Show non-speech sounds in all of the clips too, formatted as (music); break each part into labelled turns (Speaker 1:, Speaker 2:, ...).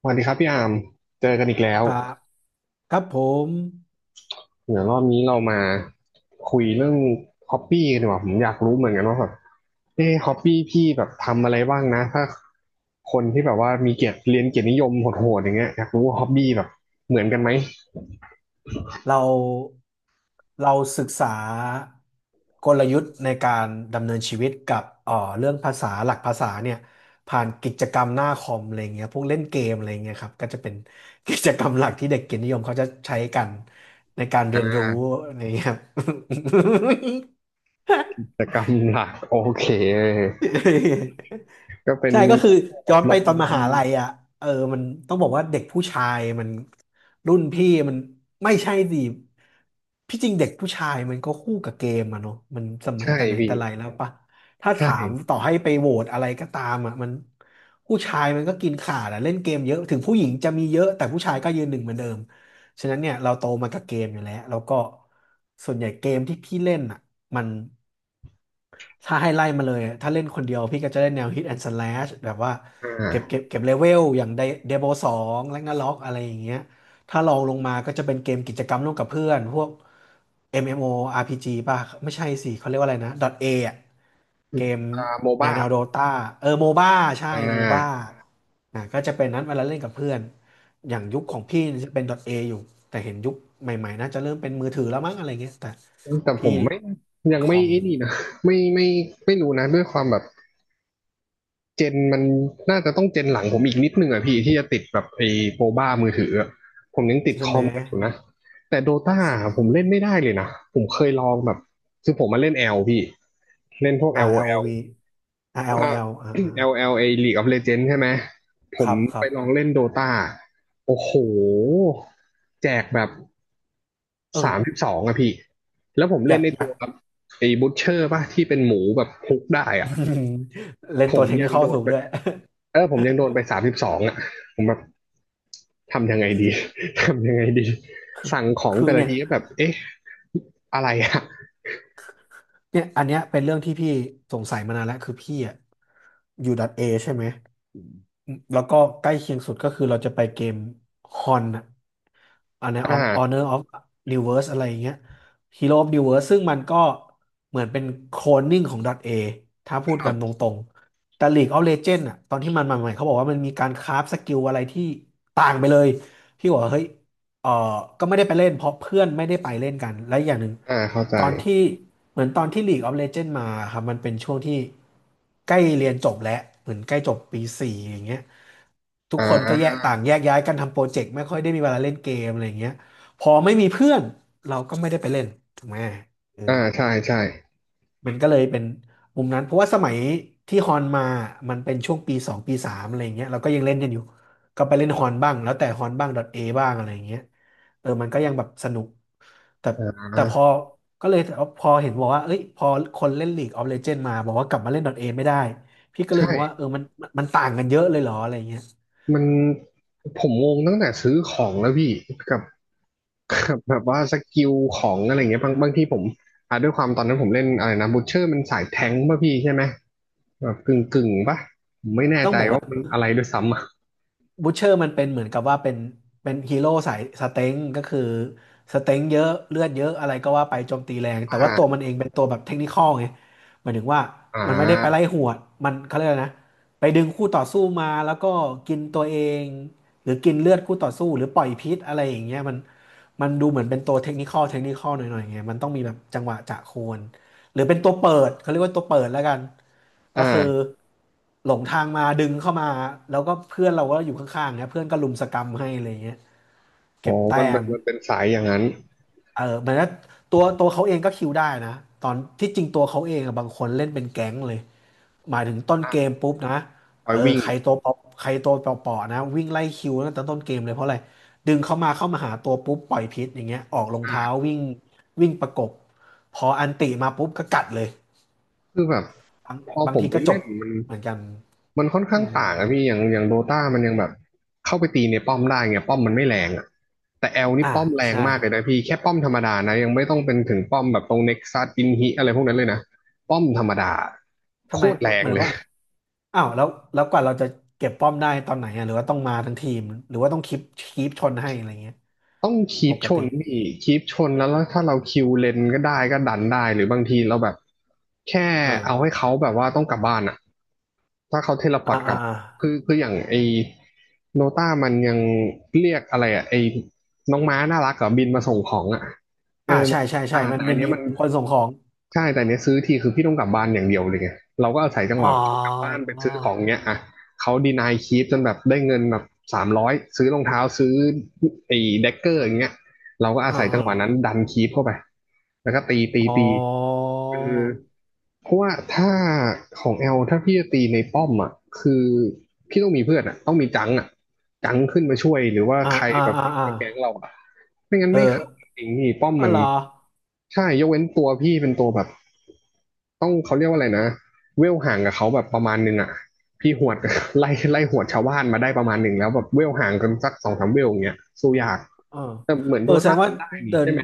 Speaker 1: สวัสดีครับพี่อามเจอกันอีกแล้ว
Speaker 2: ครับครับผม
Speaker 1: เดี๋ยวรอบนี้เรามาคุยเรื่องฮอปปี้กันดีกว่าผมอยากรู้เหมือนกันว่าแบบฮอปปี้พี่แบบทำอะไรบ้างนะถ้าคนที่แบบว่ามีเกียรติเรียนเกียรตินิยมโหดๆอย่างเงี้ยอยากรู้ว่าฮอปปี้แบบเหมือนกันไหม
Speaker 2: เราเราศึกษากลยุทธ์ในการดำเนินชีวิตกับเรื่องภาษาหลักภาษาเนี่ยผ่านกิจกรรมหน้าคอมอะไรเงี้ยพวกเล่นเกมอะไรเงี้ยครับก็จะเป็น (laughs) กิจกรรมหลักที่เด็กเกียรตินิยมเขาจะใช้กันในการเรียนรู้อะไรเงี้ยครับ
Speaker 1: กิจกรรมหลักโอเคก็เป็
Speaker 2: (laughs)
Speaker 1: น
Speaker 2: ใช่ก็คื
Speaker 1: แบ
Speaker 2: อ
Speaker 1: บพวกแบ
Speaker 2: ย้อ
Speaker 1: บ
Speaker 2: น
Speaker 1: ล
Speaker 2: ไป
Speaker 1: ง
Speaker 2: ตอนม
Speaker 1: ดัน
Speaker 2: หาลัยอ่ะเออมันต้องบอกว่าเด็กผู้ชายมันรุ่นพี่มันไม่ใช่สิพี่จริงเด็กผู้ชายมันก็คู่กับเกมอะเนาะมันสมัย
Speaker 1: ใช่
Speaker 2: แต่ไหน
Speaker 1: พี่
Speaker 2: แต่ไรแล้วปะถ้า
Speaker 1: ใช่
Speaker 2: ถามต่อให้ไปโหวตอะไรก็ตามอ่ะมันผู้ชายมันก็กินขาดอะเล่นเกมเยอะถึงผู้หญิงจะมีเยอะแต่ผู้ชายก็ยืนหนึ่งเหมือนเดิมฉะนั้นเนี่ยเราโตมากับเกมอยู่แล้วแล้วก็ส่วนใหญ่เกมที่พี่เล่นอ่ะมัน ถ้าให้ไล่มาเลย ถ้าเล่นคนเดียวพี่ก็จะเล่นแนว Hit and Slash แบบว่า
Speaker 1: อ่า
Speaker 2: เก็บเลเวลอย่างเดโบสองแลกนาล็อกอะไรอย่างเงี้ยถ้าลองลงมาก็จะเป็นเกมกิจกรรมร่วมกับเพื่อนพวก MMORPG ป่ะไม่ใช่สิเขาเรียกว่าอะไรนะ .A อะเกม
Speaker 1: โม
Speaker 2: แน
Speaker 1: บ้า
Speaker 2: วแนวโดตาเออโมบ้าใช่
Speaker 1: อ่
Speaker 2: โมบ้า
Speaker 1: า
Speaker 2: อ่ะก็จะเป็นนั้นเวลาเล่นกับเพื่อนอย่างยุคของพี่จะเป็น .A อยู่แต่เห็นยุคใหม่ๆน่าจะเริ่มเป็นมือถือแล้วมั้งอะไรเงี้ยแต่
Speaker 1: แต่ผ
Speaker 2: พี่
Speaker 1: มไม่ยัง
Speaker 2: คอ
Speaker 1: ไม่
Speaker 2: ม
Speaker 1: ไอ้นี่นะไม่ไม่รู้นะด้วยความแบบ เจนมันน่าจะต้องเจนหลังผมอีกนิดนึงอ่ะพี่ที่จะติดแบบไอ้โปรบ้ามือถืออะผมยังติด
Speaker 2: ใช่
Speaker 1: ค
Speaker 2: ไห
Speaker 1: อ
Speaker 2: ม
Speaker 1: มมันอยู่นะแต่โดตาผมเล่นไม่ได้เลยนะผมเคยลองแบบคือผมมาเล่นแอลพี่เล่นพวก
Speaker 2: R
Speaker 1: LOL ว่า
Speaker 2: L O
Speaker 1: LL ไอ
Speaker 2: V R
Speaker 1: ล
Speaker 2: L O
Speaker 1: ถ้า
Speaker 2: L อ่าร์แอ่า
Speaker 1: (clears throat)
Speaker 2: ร์
Speaker 1: แอ
Speaker 2: แอลแอล
Speaker 1: ลแอ
Speaker 2: อ่า
Speaker 1: ลเอ League of Legends ใช่ไหมผ
Speaker 2: ๆค
Speaker 1: ม
Speaker 2: รับค
Speaker 1: ไป
Speaker 2: รับ
Speaker 1: ลองเล่นโดตาโอ้โหแจกแบบ
Speaker 2: เอ
Speaker 1: สามสิบ
Speaker 2: อ
Speaker 1: สองอะพี่แล้วผม
Speaker 2: อ
Speaker 1: เล่
Speaker 2: ยา
Speaker 1: น
Speaker 2: ก
Speaker 1: ใน
Speaker 2: อยา
Speaker 1: ตั
Speaker 2: ก
Speaker 1: วครับไอ้บูชเชอร์ป่ะที่เป็นหมูแบบฮุกได้อะ
Speaker 2: (laughs) เล่
Speaker 1: ผ
Speaker 2: นตั
Speaker 1: ม
Speaker 2: วเทค
Speaker 1: ยั
Speaker 2: นิค
Speaker 1: ง
Speaker 2: เข้า
Speaker 1: โดน
Speaker 2: สูง
Speaker 1: ไป
Speaker 2: ด้วย (laughs)
Speaker 1: เออผมยังโดนไป32อ่ะผมแบบทำยังไงดี (laughs) ทำยังไงดีสั่งของ
Speaker 2: คือ
Speaker 1: แต่ละ
Speaker 2: เนี่ย
Speaker 1: ทีก็แบบเอ๊ะอะไรอ่ะ
Speaker 2: เนี่ยอันเนี้ยเป็นเรื่องที่พี่สงสัยมานานแล้วคือพี่อะอยู่ดอทเอใช่ไหมอืมแล้วก็ใกล้เคียงสุดก็คือเราจะไปเกมฮอนอะอันเนี้ย
Speaker 1: อ่า
Speaker 2: Honor of New Verse อะไรอย่างเงี้ย Hero of New Verse ซึ่งมันก็เหมือนเป็นโคลนนิ่งของดอทเอถ้าพูด
Speaker 1: ครั
Speaker 2: กันต
Speaker 1: บ
Speaker 2: รงๆแต่ League of Legends อะตอนที่มันมาใหม่เขาบอกว่ามันมีการคราฟสกิลอะไรที่ต่างไปเลยพี่บอกว่าเฮ้ย เออก็ไม่ได้ไปเล่นเพราะเพื่อนไม่ได้ไปเล่นกันและอย่างหนึ่ง
Speaker 1: อ่าเข้าใจ
Speaker 2: ตอนที่เหมือนตอนที่ League of Legends มาครับมันเป็นช่วงที่ใกล้เรียนจบแล้วเหมือนใกล้จบปีสี่อย่างเงี้ยทุก
Speaker 1: อ่า
Speaker 2: คนก็แยกต่างแยกย้ายกันทำโปรเจกต์ไม่ค่อยได้มีเวลาเล่นเกมอะไรอย่างเงี้ยพอไม่มีเพื่อนเราก็ไม่ได้ไปเล่นถูกไหมเออ
Speaker 1: อ่าใช่ใช่
Speaker 2: มันก็เลยเป็นมุมนั้นเพราะว่าสมัยที่ฮอนมามันเป็นช่วงปีสองปีสามอะไรอย่างเงี้ยเราก็ยังเล่นกันอยู่ก็ไปเล่นฮอนบ้างแล้วแต่ฮอนบ้าง a บ้างอะไรอย่างเงี้ยเออมันก็ยังแบบสนุกแต่
Speaker 1: อ่า
Speaker 2: แต่พอก็เลยพอเห็นบอกว่าเอ้ยพอคนเล่น League of Legends มาบอกว่ากลับมาเล่น A ไม่ได้พี่ก็เล
Speaker 1: ใช่
Speaker 2: ยงงว่าเออมันต่างกันเยอะเลยเหรออะไรอย่างเงี้ย
Speaker 1: มันผมงงตั้งแต่ซื้อของแล้วพี่กับกับแบบว่าสกิลของอะไรเงี้ยบางทีผมอ่าด้วยความตอนนั้นผมเล่นอะไรนะบูชเชอร์มันสายแทงค์ป่ะพี่ใช่ไหมแบบกึ่งป่ะผมไม่แน่
Speaker 2: ต้อง
Speaker 1: ใจ
Speaker 2: บอก
Speaker 1: ว่า
Speaker 2: ว่า
Speaker 1: มันอะไรด้วยซ้ำอะ
Speaker 2: บูชเชอร์มันเป็นเหมือนกับว่าเป็นฮีโร่สายสเต็งก็คือสเต็งเยอะเลือดเยอะอะไรก็ว่าไปโจมตีแรง
Speaker 1: อ่
Speaker 2: แต่ว่าตัวมั
Speaker 1: า
Speaker 2: นเองเป็นตัวแบบเทคนิคอลไงหมายถึงว่า
Speaker 1: อ่
Speaker 2: มันไม่ได้ไปไล่
Speaker 1: า
Speaker 2: หวดมันเขาเรียกอะไรนะไปดึงคู่ต่อสู้มาแล้วก็กินตัวเองหรือกินเลือดคู่ต่อสู้หรือปล่อยพิษอะไรอย่างเงี้ยมันมันดูเหมือนเป็นตัวเทคนิคอลหน่อยๆไงมันต้องมีแบบจังหวะจะโคนหรือเป็นตัวเปิดเขาเรียกว่าตัวเปิดแล้วกัน
Speaker 1: อ
Speaker 2: ก็คือ
Speaker 1: ่า
Speaker 2: หลงทางมาดึงเข้ามาแล้วก็เพื่อนเราก็อยู่ข้างๆเนี่ยเพื่อนก็รุมสกรรมให้อะไรเงี้ยเก็
Speaker 1: อ๋อ
Speaker 2: บ
Speaker 1: มัน
Speaker 2: แต้
Speaker 1: เป็
Speaker 2: ม
Speaker 1: นมันเป็นสายอย่างนั้น
Speaker 2: เออเหมือนว่าตัวเขาเองก็คิวได้นะตอนที่จริงตัวเขาเองอะบางคนเล่นเป็นแก๊งเลยหมายถึงต้นเกม
Speaker 1: อ่า
Speaker 2: ปุ๊บนะ
Speaker 1: คอ
Speaker 2: เอ
Speaker 1: ย
Speaker 2: อ
Speaker 1: วิ่ง
Speaker 2: ใครตัวเปาะใครตัวเปาะๆนะวิ่งไล่คิวตั้งแต่ต้นเกมเลยเพราะอะไรดึงเข้ามาหาตัวปุ๊บปล่อยพิษอย่างเงี้ยออกรองเท้า
Speaker 1: อ่า
Speaker 2: วิ่งวิ่งประกบพออันติมาปุ๊บก็กัดเลย
Speaker 1: คือแบบ
Speaker 2: บาง
Speaker 1: พอ
Speaker 2: บา
Speaker 1: ผ
Speaker 2: ง
Speaker 1: ม
Speaker 2: ที
Speaker 1: ไป
Speaker 2: ก็จ
Speaker 1: เล่
Speaker 2: บ
Speaker 1: น มัน
Speaker 2: เหมือนกัน
Speaker 1: มันค่อนข้า
Speaker 2: อื
Speaker 1: ง
Speaker 2: ม
Speaker 1: ต่างอะพี่อย่างโดตามันยังแบบ เข้าไปตีในป้อมได้ไงป้อมมันไม่แรงอะแต่แอลนี่
Speaker 2: อ่า
Speaker 1: ป้อมแรง
Speaker 2: ใช่
Speaker 1: มากเลยนะพี่แค่ป้อมธรรมดานะ ยังไม่ต้องเป็นถึงป้อมแบบตรงเน็กซัสอินฮิอะไรพวกนั้นเลยนะป้อมธรรมดา
Speaker 2: ทำ
Speaker 1: โค
Speaker 2: ไม
Speaker 1: ตร
Speaker 2: เห
Speaker 1: แรง
Speaker 2: มือน
Speaker 1: เลย
Speaker 2: ว่าอ้าวแล้วแล้วกว่าเราจะเก็บป้อมได้ตอนไหนอ่ะหรือว่าต้องมาทั้งทีมหรือว่าต้องคีปคีปชนให้อะไรเงี้ย
Speaker 1: ต้องคี
Speaker 2: ป
Speaker 1: ป
Speaker 2: ก
Speaker 1: ช
Speaker 2: ติ
Speaker 1: นพี่คีปชนแล้วแล้วถ้าเราคิวเลนก็ได้ก็ดันได้หรือบางทีเราแบบแค่
Speaker 2: อ่
Speaker 1: เอาให้
Speaker 2: า
Speaker 1: เขาแบบว่าต้องกลับบ้านอะถ้าเขาเทเลพอร์
Speaker 2: อ่า
Speaker 1: ตกลั
Speaker 2: อ่า
Speaker 1: บ
Speaker 2: อ่า
Speaker 1: คืออย่างไอโนต้ามันยังเรียกอะไรอะไอน้องม้าน่ารักกับบินมาส่งของอะเอ
Speaker 2: อ่า
Speaker 1: อมั
Speaker 2: ใช่
Speaker 1: น
Speaker 2: ใช่ใช่
Speaker 1: อ่า
Speaker 2: มัน
Speaker 1: แต่อั
Speaker 2: มั
Speaker 1: น
Speaker 2: น
Speaker 1: เนี้ย
Speaker 2: มี
Speaker 1: มัน
Speaker 2: คนส่งของ
Speaker 1: ใช่แต่เนี้ยซื้อทีคือพี่ต้องกลับบ้านอย่างเดียวเลยไงเราก็อาศัยจัง
Speaker 2: อ๋
Speaker 1: ห
Speaker 2: อ
Speaker 1: วะกลับบ้านไปซื้อของเนี้ยอ่ะเขาดีนายคีปจนแบบได้เงินแบบ300ซื้อรองเท้าซื้อไอ้เดกเกอร์อย่างเงี้ยเราก็อา
Speaker 2: อ่า
Speaker 1: ศัยจัง
Speaker 2: อ่า
Speaker 1: หวะนั้นดันคีปเข้าไปแล้วก็ตีตี
Speaker 2: อ๋อ
Speaker 1: ตีคือเพราะว่าถ้าของแอลถ้าพี่จะตีในป้อมอ่ะคือพี่ต้องมีเพื่อนอ่ะต้องมีจังอ่ะจังขึ้นมาช่วยหรือว่า
Speaker 2: อ่า
Speaker 1: ใคร
Speaker 2: อ่า
Speaker 1: แบบ
Speaker 2: อ่า
Speaker 1: วิ่ง
Speaker 2: อ่า
Speaker 1: มาแก๊งเราอ่ะไม่งั้น
Speaker 2: เออ
Speaker 1: ไม่เข้าจริงๆนี่ป้อม
Speaker 2: อ๋อ
Speaker 1: มัน
Speaker 2: เหรอ
Speaker 1: ใช่ยกเว้นตัวพี่เป็นตัวแบบ ต้องเขาเรียกว่าอะไรนะเวลห่างกับเขาแบบประมาณหนึงอ่ะพี่หวด (laughs) ไล่หวดชาวบ้านมาได้ประมาณหนึ่งแล้วแบบเวลห่างกันสักสองสามเวลอย่างเงี้ยสู้ยาก
Speaker 2: เออ
Speaker 1: แต่เหมือน
Speaker 2: เอ
Speaker 1: โด
Speaker 2: อแสด
Speaker 1: ต้า
Speaker 2: งว่า
Speaker 1: มันได้นี่
Speaker 2: เดิ
Speaker 1: ใช่
Speaker 2: น
Speaker 1: ไหม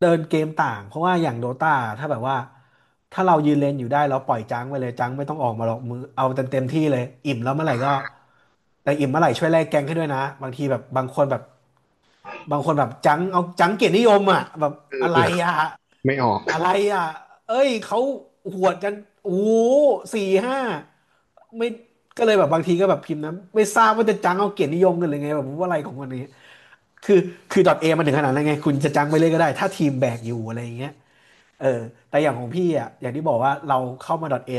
Speaker 2: เดินเกมต่างเพราะว่าอย่างโดตาถ้าแบบว่าถ้าเรายืนเลนอยู่ได้เราปล่อยจังไปเลยจังไม่ต้องออกมาหรอกมือเอาเต็มที่เลยอิ่มแล้วเมื่อไหร่ก็แต่อิ่มเมื่อไหร่ช่วยแลกแกงให้ด้วยนะบางทีแบบบางคนแบบจังเอาจังเกียรตินิยมอ่ะแบบ
Speaker 1: เออ
Speaker 2: อะ
Speaker 1: เอ
Speaker 2: ไร
Speaker 1: อ
Speaker 2: อ่ะ
Speaker 1: ไม่ออก
Speaker 2: อะไรอ่ะเอ้ยเขาหวดกันโอ้โหสี่ห้าไม่ก็เลยแบบบางทีก็แบบพิมพ์นะไม่ทราบว่าจะจังเอาเกียรตินิยมกันหรือไงแบบว่าอะไรของวันนี้ คือคือดอทเอมันถึงขนาดนั้นไงคุณจะจังไปเลยก็ได้ถ้าทีมแบกอยู่อะไรอย่างเงี้ยเออแต่อย่างของพี่อ่ะอย่างที่บอกว่าเราเข้ามาดอทเอ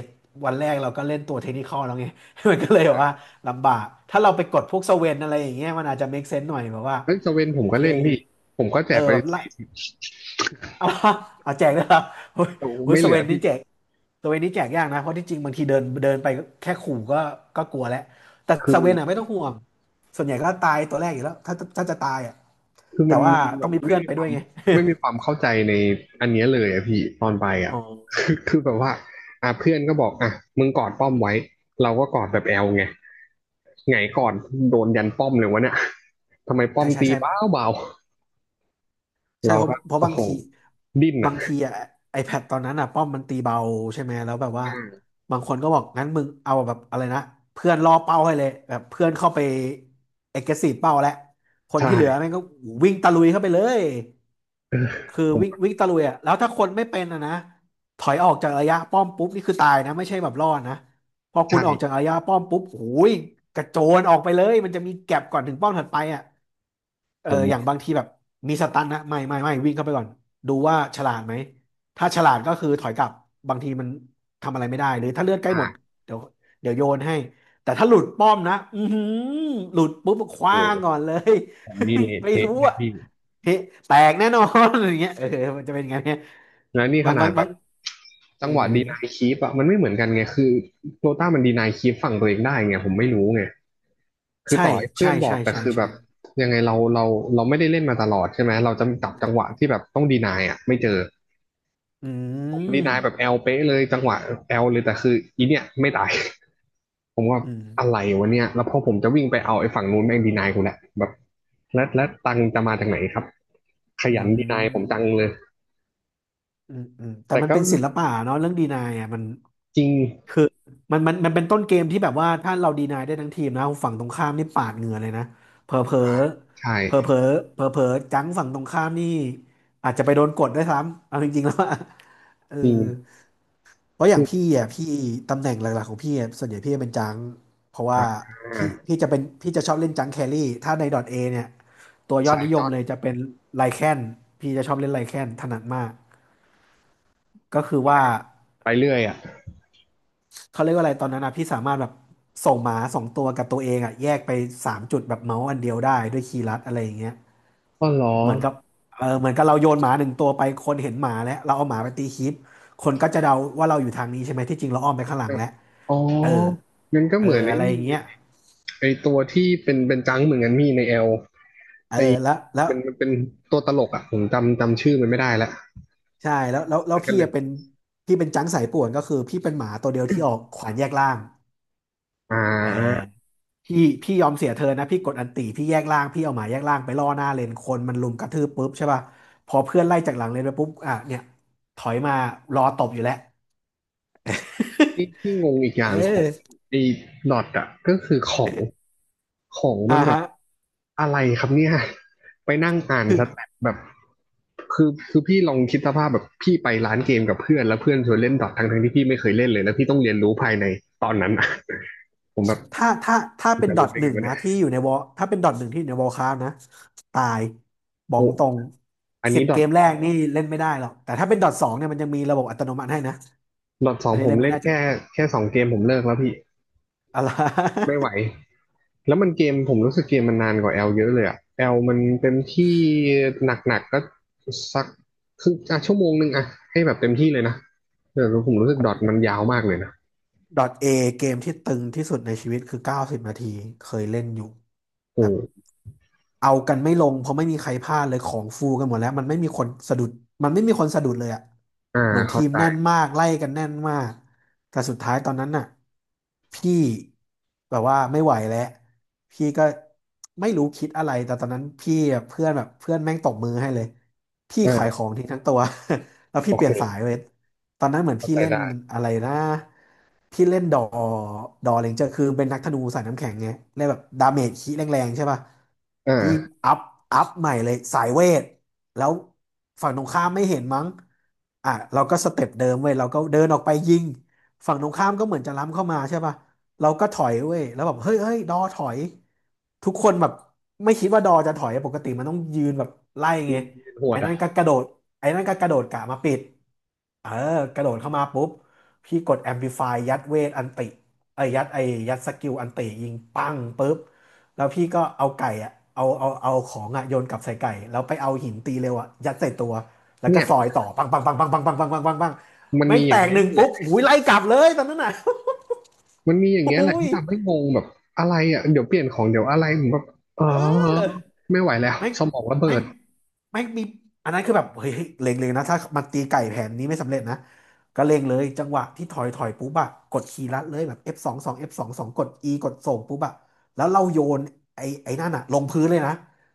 Speaker 2: วันแรกเราก็เล่นตัวเทคนิคอลแล้วไง (laughs) มันก็เลยแบบว่าลำบากถ้าเราไปกดพวกสเวนอะไรอย่างเงี้ยมันอาจจะ make sense หน่อยแบบว่า
Speaker 1: เอ้ยสเวนผม
Speaker 2: โอ
Speaker 1: ก็
Speaker 2: เค
Speaker 1: เล่นพี่ผมก็แจ
Speaker 2: เอ
Speaker 1: ก
Speaker 2: อ
Speaker 1: ไป
Speaker 2: แบบ
Speaker 1: ส
Speaker 2: ไล่ (laughs)
Speaker 1: ี่
Speaker 2: เอาเอาแจกด้วยครับ (laughs) โอ้ย
Speaker 1: โอ้
Speaker 2: โอ้ย
Speaker 1: ไม่
Speaker 2: ส
Speaker 1: เหลื
Speaker 2: เว
Speaker 1: อ
Speaker 2: น
Speaker 1: พี่
Speaker 2: นี่แจกสเวนนี่แจกยากนะเพราะที่จริงบางทีเดินเดินไปก็แค่ขู่ก็กลัวแล้วแต่
Speaker 1: คื
Speaker 2: ส
Speaker 1: อ
Speaker 2: เวนอ่ะไม่ต้องห่วงส่วนใหญ่ก็ตายตัวแรกอยู่แล้วถ้าจะตายอ่ะ
Speaker 1: คือ
Speaker 2: แต่
Speaker 1: มัน
Speaker 2: ว่า
Speaker 1: มันแบ
Speaker 2: ต้อง
Speaker 1: บ
Speaker 2: มีเพื่
Speaker 1: ไม่
Speaker 2: อน
Speaker 1: มี
Speaker 2: ไป
Speaker 1: ค
Speaker 2: ด้
Speaker 1: วา
Speaker 2: ว
Speaker 1: ม
Speaker 2: ยไง
Speaker 1: ไม่มีความเข้าใจในอันเนี้ยเลยอะพี่ตอนไป
Speaker 2: อ๋
Speaker 1: อะ (laughs)
Speaker 2: อ
Speaker 1: คือแบบว่าอ่ะเพื่อนก็บอกอ่ะมึงกอดป้อมไว้เราก็กอดแบบแอลไง ไงก่อนโดนยันป้อมเลยวะเนี่ย ทำไมป้อ
Speaker 2: ใช่
Speaker 1: ม
Speaker 2: ใช่
Speaker 1: ตี
Speaker 2: ใช่
Speaker 1: เบาเบาๆ
Speaker 2: ใช่
Speaker 1: เรา
Speaker 2: เพราะ
Speaker 1: ก็
Speaker 2: เพราะ
Speaker 1: โอ้
Speaker 2: บาง
Speaker 1: โห
Speaker 2: ที
Speaker 1: ดิ้น
Speaker 2: บา
Speaker 1: อ่ะ
Speaker 2: งทีอะไอแพดตอนนั้นอะป้อมมันตีเบาใช่ไหมแล้วแบบว่า
Speaker 1: อ่า
Speaker 2: บางคนก็บอกงั้นมึงเอาแบบอะไรนะเพื่อนล่อเป้าให้เลยแบบเพื่อนเข้าไป aggressive เป้าแล้วคน
Speaker 1: ใช่
Speaker 2: ที่เหลือแม่งก็วิ่งตะลุยเข้าไปเลยคือ
Speaker 1: ผ
Speaker 2: วิ่ง
Speaker 1: ม
Speaker 2: วิ่งตะลุยอะแล้วถ้าคนไม่เป็นอะนะถอยออกจากระยะป้อมปุ๊บนี่คือตายนะไม่ใช่แบบรอดนะพอคุณออกจาก
Speaker 1: ใช่
Speaker 2: ระยะป้อมปุ๊บโอ้ยกระโจนออกไปเลยมันจะมีแก็ปก่อนถึงป้อมถัดไปอะเอ
Speaker 1: ผ
Speaker 2: ออย่าง
Speaker 1: ม
Speaker 2: บางทีแบบ มีสตันนะไม่ไม่ไม่วิ่งเข้าไปก่อนดูว่าฉลาดไหมถ้าฉลาดก็คือถอยกลับบางทีมันทำอะไรไม่ได้หรือถ้าเลือดใกล้หมด
Speaker 1: อ่า
Speaker 2: เดี๋ยวเดี๋ยวโยนให้แต่ถ้าหลุดป้อมนะอือหือหลุดปุ๊บค
Speaker 1: โอ้
Speaker 2: ว้าง
Speaker 1: โห
Speaker 2: ก่อนเลย
Speaker 1: ผมนี่
Speaker 2: (laughs)
Speaker 1: เละ
Speaker 2: ไม่
Speaker 1: เทะ
Speaker 2: รู้
Speaker 1: เลย
Speaker 2: อะ
Speaker 1: พี่
Speaker 2: เฮ้แตกแน่นอนอย่างเงี้ยเออมันจะเป็นไงเนี่ย
Speaker 1: แล้วนี่ข
Speaker 2: บาง
Speaker 1: นา
Speaker 2: บา
Speaker 1: ด
Speaker 2: ง
Speaker 1: แบ
Speaker 2: บาง
Speaker 1: บ
Speaker 2: เอ
Speaker 1: จั
Speaker 2: อ
Speaker 1: งหวะดีนายคีปอะมันไม่เหมือนกันไงคือโรต้ามันดีนายคีปฝั่งตัวเองได้ไงผมไม่รู้ไงคือ
Speaker 2: ใช่
Speaker 1: ต่อให้เพื่อ
Speaker 2: ใช่
Speaker 1: นบอ
Speaker 2: ใช่
Speaker 1: กแต่
Speaker 2: ใช่
Speaker 1: คือแบ
Speaker 2: ใช่
Speaker 1: บยังไงเราไม่ได้เล่นมาตลอดใช่ไหมเราจะจับจังหวะที่แบบต้องดีนายอ่ะไม่เจอ
Speaker 2: อื
Speaker 1: ดี
Speaker 2: ม
Speaker 1: นายแบบแอลเป๊ะเลยจังหวะแอลเลยแต่คืออีเนี่ยไม่ตาย (laughs) ผมว่า
Speaker 2: อืม
Speaker 1: อะไรวะเนี่ยแล้วพอผมจะวิ่งไปเอาไอ้ฝั่งนู้นแม่งดีนายกูแหละแบบแล้วตังจะมาจากไหนครับข
Speaker 2: อื
Speaker 1: ยันดีนายผม
Speaker 2: ม
Speaker 1: จังเลย
Speaker 2: อืมอืมแต่
Speaker 1: แต่
Speaker 2: มัน
Speaker 1: ก็
Speaker 2: เป็นศิลปะเนาะเรื่องดีนายอะมัน
Speaker 1: จริง
Speaker 2: คือมันเป็นต้นเกมที่แบบว่าถ้าเราดีนายได้ทั้งทีมนะฝั่งตรงข้ามนี่ปาดเหงื่อเลยนะเผลอเผลอ
Speaker 1: อ่าใช่
Speaker 2: เผลอเผลอเผลอเผลอจังฝั่งตรงข้ามนี่อาจจะไปโดนกดด้วยซ้ำเอาจริงๆแล้วอะ (laughs) เออ
Speaker 1: จริง
Speaker 2: เพราะอ
Speaker 1: คื
Speaker 2: ย่างพี่
Speaker 1: อ
Speaker 2: อ่ะพี่ตำแหน่งหลักๆของพี่อะส่วนใหญ่พี่จะเป็นจังเพราะว่า
Speaker 1: อ่า
Speaker 2: พี่จะชอบเล่นจังแครี่ถ้าในดอทเอเนี่ยตัวยอด
Speaker 1: สาย
Speaker 2: นิย
Speaker 1: จ้
Speaker 2: ม
Speaker 1: อน
Speaker 2: เลยจะเป็นไลแคนพี่จะชอบเล่นไลแคนถนัดมากก็คือว่า
Speaker 1: ไปเรื่อยอ่ะ
Speaker 2: เขาเรียกว่าอะไรตอนนั้นนะพี่สามารถแบบส่งหมาสองตัวกับตัวเองอ่ะแยกไปสามจุดแบบเมาส์อันเดียวได้ด้วยคีย์ลัดอะไรอย่างเงี้ย
Speaker 1: ก็เหรอ
Speaker 2: เหมือนกับเออเหมือนกับเราโยนหมาหนึ่งตัวไปคนเห็นหมาแล้วเราเอาหมาไปตีคลิปคนก็จะเดาว่าเราอยู่ทางนี้ใช่ไหมที่จริงเราอ้อมไปข้างห
Speaker 1: เอ
Speaker 2: ลัง
Speaker 1: อ
Speaker 2: แล้ว
Speaker 1: อ๋อ
Speaker 2: เออ
Speaker 1: งั้นก็
Speaker 2: เอ
Speaker 1: เหมือ
Speaker 2: อ
Speaker 1: นไอ้
Speaker 2: อะไรอ
Speaker 1: นี่
Speaker 2: ย่าง
Speaker 1: เล
Speaker 2: เงี้
Speaker 1: ย
Speaker 2: ย
Speaker 1: ไอ้ตัวที่เป็นเป็นจังเหมือนกันมีในแอล
Speaker 2: เออ
Speaker 1: ไอ้
Speaker 2: แล้วแล้ว
Speaker 1: มันมันเป็นตัวตลกอ่ะผมจำชื่อมันไม่ได้ละ
Speaker 2: ใช่แล้วแล้ว
Speaker 1: เห
Speaker 2: แล้
Speaker 1: มื
Speaker 2: ว
Speaker 1: อนกัน
Speaker 2: พี่
Speaker 1: เลย
Speaker 2: อะเป็นพี่เป็นจังสายป่วนก็คือพี่เป็นหมาตัวเดียวที่ออกขวานแยกล่าง
Speaker 1: อ่
Speaker 2: เออ
Speaker 1: า
Speaker 2: พี่พี่ยอมเสียเธอนะพี่กดอันติพี่แยกล่างพี่เอาหมาแยกล่างไปล่อหน้าเลนคนมันลุมกระทืบปุ๊บใช่ป่ะพอเพื่อนไล่จากหลังเลนไปปุ๊บอ่ะเนี่ยถอยมารอตบอยู่แล้ว
Speaker 1: ที่ที่งงอีกอ
Speaker 2: (laughs)
Speaker 1: ย่า
Speaker 2: เอ
Speaker 1: งของ
Speaker 2: อ
Speaker 1: ไอ้ดอทอ่ะก็คือของของ
Speaker 2: อ่า
Speaker 1: มันแบบ
Speaker 2: ฮะ
Speaker 1: อะไรครับเนี่ย (laughs) ไปนั่งอ่านสแตทแบบคือพี่ลองคิดสภาพแบบพี่ไปร้านเกมกับเพื่อนแล้วเพื่อนชวนเล่นดอททั้งที่พี่ไม่เคยเล่นเลยแล้วพี่ต้องเรียนรู้ภายในตอนนั้นอะ (laughs) ผมแบบ
Speaker 2: ถ้าเป็น
Speaker 1: จะ
Speaker 2: ดอ
Speaker 1: รู้
Speaker 2: ท
Speaker 1: ได้
Speaker 2: ห
Speaker 1: ไง
Speaker 2: นึ่ง
Speaker 1: วะ
Speaker 2: นะ
Speaker 1: เนี่ย
Speaker 2: ที่อยู่ในวอลถ้าเป็นดอทหนึ่งที่อยู่ในวอลคราฟนะตายบอก
Speaker 1: โอ้
Speaker 2: ตรง
Speaker 1: อัน
Speaker 2: สิ
Speaker 1: นี้
Speaker 2: บ
Speaker 1: ดอ
Speaker 2: เก
Speaker 1: ท
Speaker 2: มแรกนี่เล่นไม่ได้หรอกแต่ถ้าเป็นดอทสองเนี่ยมันยังมีระบบอัตโนมัติให้นะ
Speaker 1: ดอทสอ
Speaker 2: อั
Speaker 1: ง
Speaker 2: นนี้
Speaker 1: ผ
Speaker 2: เล่
Speaker 1: ม
Speaker 2: นไม่
Speaker 1: เล่น
Speaker 2: ได้จัง
Speaker 1: แค่แค่สองเกมผมเลิกแล้วพี่
Speaker 2: อะไร
Speaker 1: ไม่ไหว แล้วมันเกมผมรู้สึกเกมมันนานกว่าแอลเยอะเลยอะแอลมันเต็มที่หนักๆก็สักครึ่งอ่ะชั่วโมงหนึ่งอะให้แบบเต็มที่เลยนะแต่ผมรู้สึกดอทมันยาวมากเลยนะ
Speaker 2: (laughs) ดอทเอเกมที่ตึงที่สุดในชีวิตคือ90 นาทีเคยเล่นอยู่
Speaker 1: อื
Speaker 2: แบบ
Speaker 1: ม
Speaker 2: เอากันไม่ลงเพราะไม่มีใครพลาดเลยของฟูกันหมดแล้วมันไม่มีคนสะดุดมันไม่มีคนสะดุดเลยอะ
Speaker 1: อ่า
Speaker 2: เหมือน
Speaker 1: เข้า
Speaker 2: ทีม
Speaker 1: ใจ
Speaker 2: แน่นมากไล่กันแน่นมากแต่สุดท้ายตอนนั้นน่ะพี่แบบว่าไม่ไหวแล้วพี่ก็ไม่รู้คิดอะไรแต่ตอนนั้นพี่อะเพื่อนแบบเพื่อนแม่งตบมือให้เลยพี่
Speaker 1: เอ่า
Speaker 2: ขายของทิ้งทั้งตัว (laughs) แล้ว
Speaker 1: โอ
Speaker 2: พี่เป
Speaker 1: เค
Speaker 2: ลี่ยนสายเลย ตอนนั้นเหมือน
Speaker 1: เข้า
Speaker 2: พี่
Speaker 1: ใจ
Speaker 2: เล่น
Speaker 1: ได้
Speaker 2: อะไรนะพี่เล่นดอ ดอเลนเจอร์คือเป็นนักธนูสายน้ำแข็งไงเล่นแบบดาเมจคีแรงๆใช่ป่ะ
Speaker 1: เอ่า
Speaker 2: พี่อัพอัพใหม่เลยสายเวทแล้วฝั่งตรงข้ามไม่เห็นมั้งอ่ะเราก็สเต็ปเดิมเว้ยเราก็เดินออกไปยิงฝั่งตรงข้ามก็เหมือนจะล้ำเข้ามาใช่ป่ะเราก็ถอยเว้ยแล้วแบบเฮ้ยเฮ้ยดอถอยทุกคนแบบไม่คิดว่าดอจะถอยปกติมันต้องยืนแบบไล่
Speaker 1: ที
Speaker 2: ไง
Speaker 1: หว
Speaker 2: ไอ้
Speaker 1: ดอะ
Speaker 2: นั่นก็กระโดด ไอ้นั่นก็กระโดดกะมาปิดเออกระโดดเข้ามาปุ๊บพี่กดแอม l i ิฟายยัดเวทอันติไอ้ยยัดไอ้ยัดสกิลอันติยิงปังปุ๊บแล้วพี่ก็เอาไก่อะเอาของอะโยนกลับใส่ไก่แล้วไปเอาหินตีเร็วอะยัดใส่ตัวแล้วก็
Speaker 1: เนี่ย
Speaker 2: ซอยต่อปังปังปังปังปังปังปังปังปังปัง
Speaker 1: มัน
Speaker 2: แม่
Speaker 1: มี
Speaker 2: ง
Speaker 1: อ
Speaker 2: แต
Speaker 1: ย่าง
Speaker 2: ก
Speaker 1: เงี้ย
Speaker 2: หนึ่ง
Speaker 1: นี่แห
Speaker 2: ปุ๊
Speaker 1: ละ
Speaker 2: บอุ้ยไล่กลับเลยตอนนั้นน่ะ
Speaker 1: มันมีอย่าง
Speaker 2: (laughs) อ
Speaker 1: เงี้ยแหละ
Speaker 2: ุ้ย
Speaker 1: ที่ทำให้งงแบบอะไรอะเดี๋ยวเปลี่ยนของเดี๋ยวอะไรผมแบบอ๋อ
Speaker 2: เออ
Speaker 1: ไม่ไหวแล้ว
Speaker 2: แม่ง
Speaker 1: สมองระเบิ
Speaker 2: แม่ง
Speaker 1: ด
Speaker 2: แม่งมีอันนั้นคือแบบเฮ้ยเฮ้ยเล็งเลยนะถ้ามันตีไก่แผนนี้ไม่สำเร็จนะก็เล็งเลยจังหวะที่ถอยปุ๊บอะกดคีย์ลัดเลยแบบ F สองสอง F สองสองกด E กดส่งปุ๊บอะแล้วเราโยนไอ้นั่นอะลงพื้นเลยนะ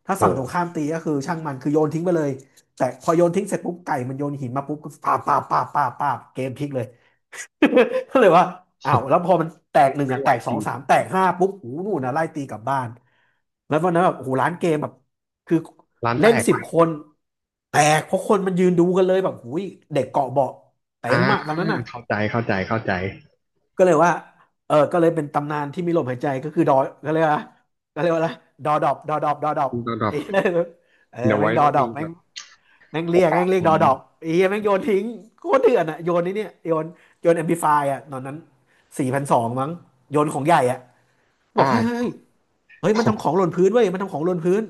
Speaker 2: ถ้า
Speaker 1: โอ
Speaker 2: ฝั่งตรงข้าม
Speaker 1: โห
Speaker 2: ตีก็คือช่างมันคือโยนทิ้งไปเลยแต่พอโยนทิ้งเสร็จปุ๊บไก่มันโยนหินมาปุ๊บก็ปาบปาบปาบปาบปาบเกมพลิกเลย (laughs) ก็เลยว่าอ้าวแล้วพอมันแตกหนึ่ง
Speaker 1: ไม่
Speaker 2: อ่ะ
Speaker 1: ไหว
Speaker 2: แตกส
Speaker 1: จ
Speaker 2: อ
Speaker 1: ริ
Speaker 2: ง
Speaker 1: ง
Speaker 2: สามแตกห้าปุ๊บโอ้โหนูนนะไล่ตีกลับบ้านแล้ววันนั้นแบบโอ้โหร้านเกมแบบคือ
Speaker 1: ร้านแต
Speaker 2: เล่น
Speaker 1: ก
Speaker 2: สิ
Speaker 1: ไป
Speaker 2: บคน แตกเพราะคนมันยืนดูกันเลยแบบหูยเด็กเกาะเบาะเต็
Speaker 1: อ่า
Speaker 2: มอะตอนนั้นอ่ะ
Speaker 1: เข้าใจเข้าใจเข้าใจ
Speaker 2: ก็เลยว่าเออก็เลยเป็นตำนานที่มีลมหายใจก็คือดอก็เลยว่าก็เลยว่าอะไรดอดอบดอดอบดอดอบ
Speaker 1: ระดับ
Speaker 2: ไอ้ (laughs) เออ
Speaker 1: เดี๋ยว
Speaker 2: แม่
Speaker 1: ไว้
Speaker 2: งดอ
Speaker 1: ต้อง
Speaker 2: ดอ
Speaker 1: มี
Speaker 2: บแม่
Speaker 1: แบ
Speaker 2: ง
Speaker 1: บโอกา
Speaker 2: แม่
Speaker 1: ส
Speaker 2: งเรี
Speaker 1: ผ
Speaker 2: ยก
Speaker 1: ม
Speaker 2: ดอดอ
Speaker 1: นะ
Speaker 2: กไอ้เหี้ยแม่งโยนทิ้งโคตรเถื่อนอ่ะโยนนี่เนี่ยโยนแอมพลิฟายอ่ะตอนนั้นสี่พันสองมั้งโยนของใหญ่อ่ะบ
Speaker 1: อ่า
Speaker 2: อกเฮ้ย
Speaker 1: (laughs) โห
Speaker 2: มันทำของหล่นพื้นเว้ยมันทำของหล่นพื้น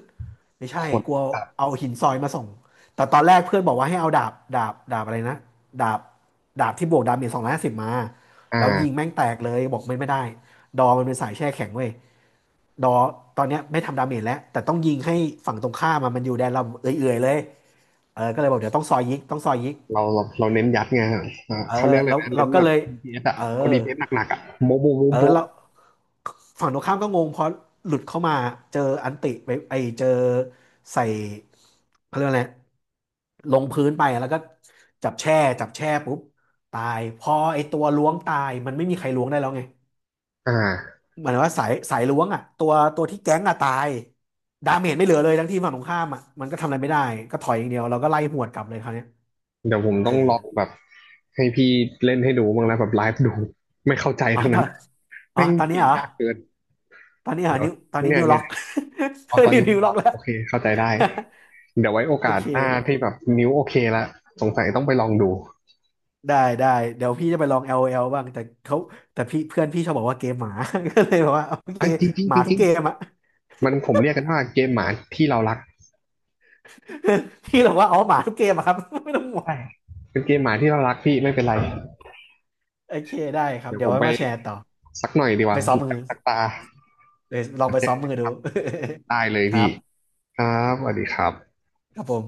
Speaker 2: ไม่
Speaker 1: โห
Speaker 2: ใช่
Speaker 1: ด
Speaker 2: กลัว
Speaker 1: จัด
Speaker 2: เอาหินซอยมาส่งแต่ตอนแรกเพื่อนบอกว่าให้เอาดาบอะไรนะดาบดาบที่บวกดาเมจ250มา
Speaker 1: อ
Speaker 2: แล้วยิง
Speaker 1: ่า
Speaker 2: แม่งแตกเลยบอกไม่ได้ดอมันเป็นสายแช่แข็งเว้ยดอตอนเนี้ยไม่ทำดาเมจแล้วแต่ต้องยิงให้ฝั่งตรงข้ามอะมันอยู่แดนเราเอื่อยๆเลย เออก็เลยบอกเดี๋ยวต้องซอยยิกต้องซอยยิก
Speaker 1: เราเน้นยัดไงอ่า
Speaker 2: เออ
Speaker 1: เขาเรียกเล
Speaker 2: แล้
Speaker 1: ย
Speaker 2: ว
Speaker 1: นะเน้
Speaker 2: เรา
Speaker 1: น
Speaker 2: ก็
Speaker 1: แบบ
Speaker 2: เลย
Speaker 1: ดีพี s อสอ่ะ
Speaker 2: เออ
Speaker 1: เอา d p สหนักๆอ่ะโมโบโม
Speaker 2: เออ
Speaker 1: โบะ
Speaker 2: แล้วฝั่งตรงข้ามก็งงเพราะหลุดเข้ามาเจออันติไปไอเจอใส่เขาเรียกว่าอะไรลงพื้นไปแล้วก็จับแช่จับแช่ปุ๊บตายพอไอตัวล้วงตายมันไม่มีใครล้วงได้แล้วไง
Speaker 1: อ่า
Speaker 2: หมายถึงว่าสายล้วงอ่ะตัวที่แก๊งอ่ะตายดาเมจไม่เหลือเลยทั้งที่ฝั่งตรงข้ามอ่ะมันก็ทำอะไรไม่ได้ก็ถอยอย่างเดียวเราก็ไล่หวดกลับเลยคราวเนี้ย
Speaker 1: เดี๋ยวผม
Speaker 2: เอ
Speaker 1: ต้
Speaker 2: อ
Speaker 1: องลองแบบให้พี่เล่นให้ดูบ้างแล้วแบบไลฟ์ดูไม่เข้าใจ
Speaker 2: อ๋อ
Speaker 1: ทั้ง
Speaker 2: ต
Speaker 1: นั้
Speaker 2: อ
Speaker 1: น
Speaker 2: นอ๋อ
Speaker 1: แม่ง
Speaker 2: ตอน
Speaker 1: เป
Speaker 2: นี้
Speaker 1: ลี่ย
Speaker 2: เห
Speaker 1: น
Speaker 2: รอ
Speaker 1: ยากเกิน
Speaker 2: ตอนนี้หา
Speaker 1: เดี๋ยว
Speaker 2: นิ้วตอนนี้
Speaker 1: เนี่ย
Speaker 2: นิ้วล็
Speaker 1: เนี่
Speaker 2: อ
Speaker 1: ย
Speaker 2: ก (laughs) ต
Speaker 1: เอา
Speaker 2: อ
Speaker 1: ตอน
Speaker 2: นิ้
Speaker 1: นี้
Speaker 2: นิ้ว
Speaker 1: ค
Speaker 2: ล็อ
Speaker 1: รั
Speaker 2: ก
Speaker 1: บ
Speaker 2: แล้ว
Speaker 1: โอเคเข้าใจได้เดี๋ยวไว้โอ
Speaker 2: (laughs) โอ
Speaker 1: กาส
Speaker 2: เค
Speaker 1: หน้าที่แบบนิ้วโอเคละสงสัยต้องไปลองดู
Speaker 2: ได้ได้เดี๋ยวพี่จะไปลอง LOL บ้างแต่เขาแต่พี่เพื่อนพี่ชอบบอกว่าเกมหมา (laughs) ก็เลยบอกว่าโอเค
Speaker 1: อ่ะจริงจริง
Speaker 2: หมา
Speaker 1: จ
Speaker 2: ทุก
Speaker 1: ริง
Speaker 2: เกมอ่ะ
Speaker 1: ๆมันผมเรียกกันว่าเกมหมาที่เรารัก
Speaker 2: (laughs) พี่บอกว่าอ๋อหมาทุกเกมอะครับ (laughs) ไม่ต้องห่วง
Speaker 1: ใช่เป็นเกมหมาที่เรารักพี่ไม่เป็นไร
Speaker 2: โอเคได้ครับ
Speaker 1: เดี๋ยว
Speaker 2: เดี๋ย
Speaker 1: ผ
Speaker 2: ว
Speaker 1: ม
Speaker 2: ไว้
Speaker 1: ไป
Speaker 2: มาแชร์ต่อ
Speaker 1: สักหน่อยดีก
Speaker 2: ไป
Speaker 1: ว่า
Speaker 2: ซ้อมมือ
Speaker 1: (laughs) สักตา
Speaker 2: เดี๋ยวลองไปซ้อมมือดู
Speaker 1: ได้เลย
Speaker 2: (laughs) ครั
Speaker 1: พี่
Speaker 2: บ
Speaker 1: ครับสวัสดีครับ
Speaker 2: ครับผม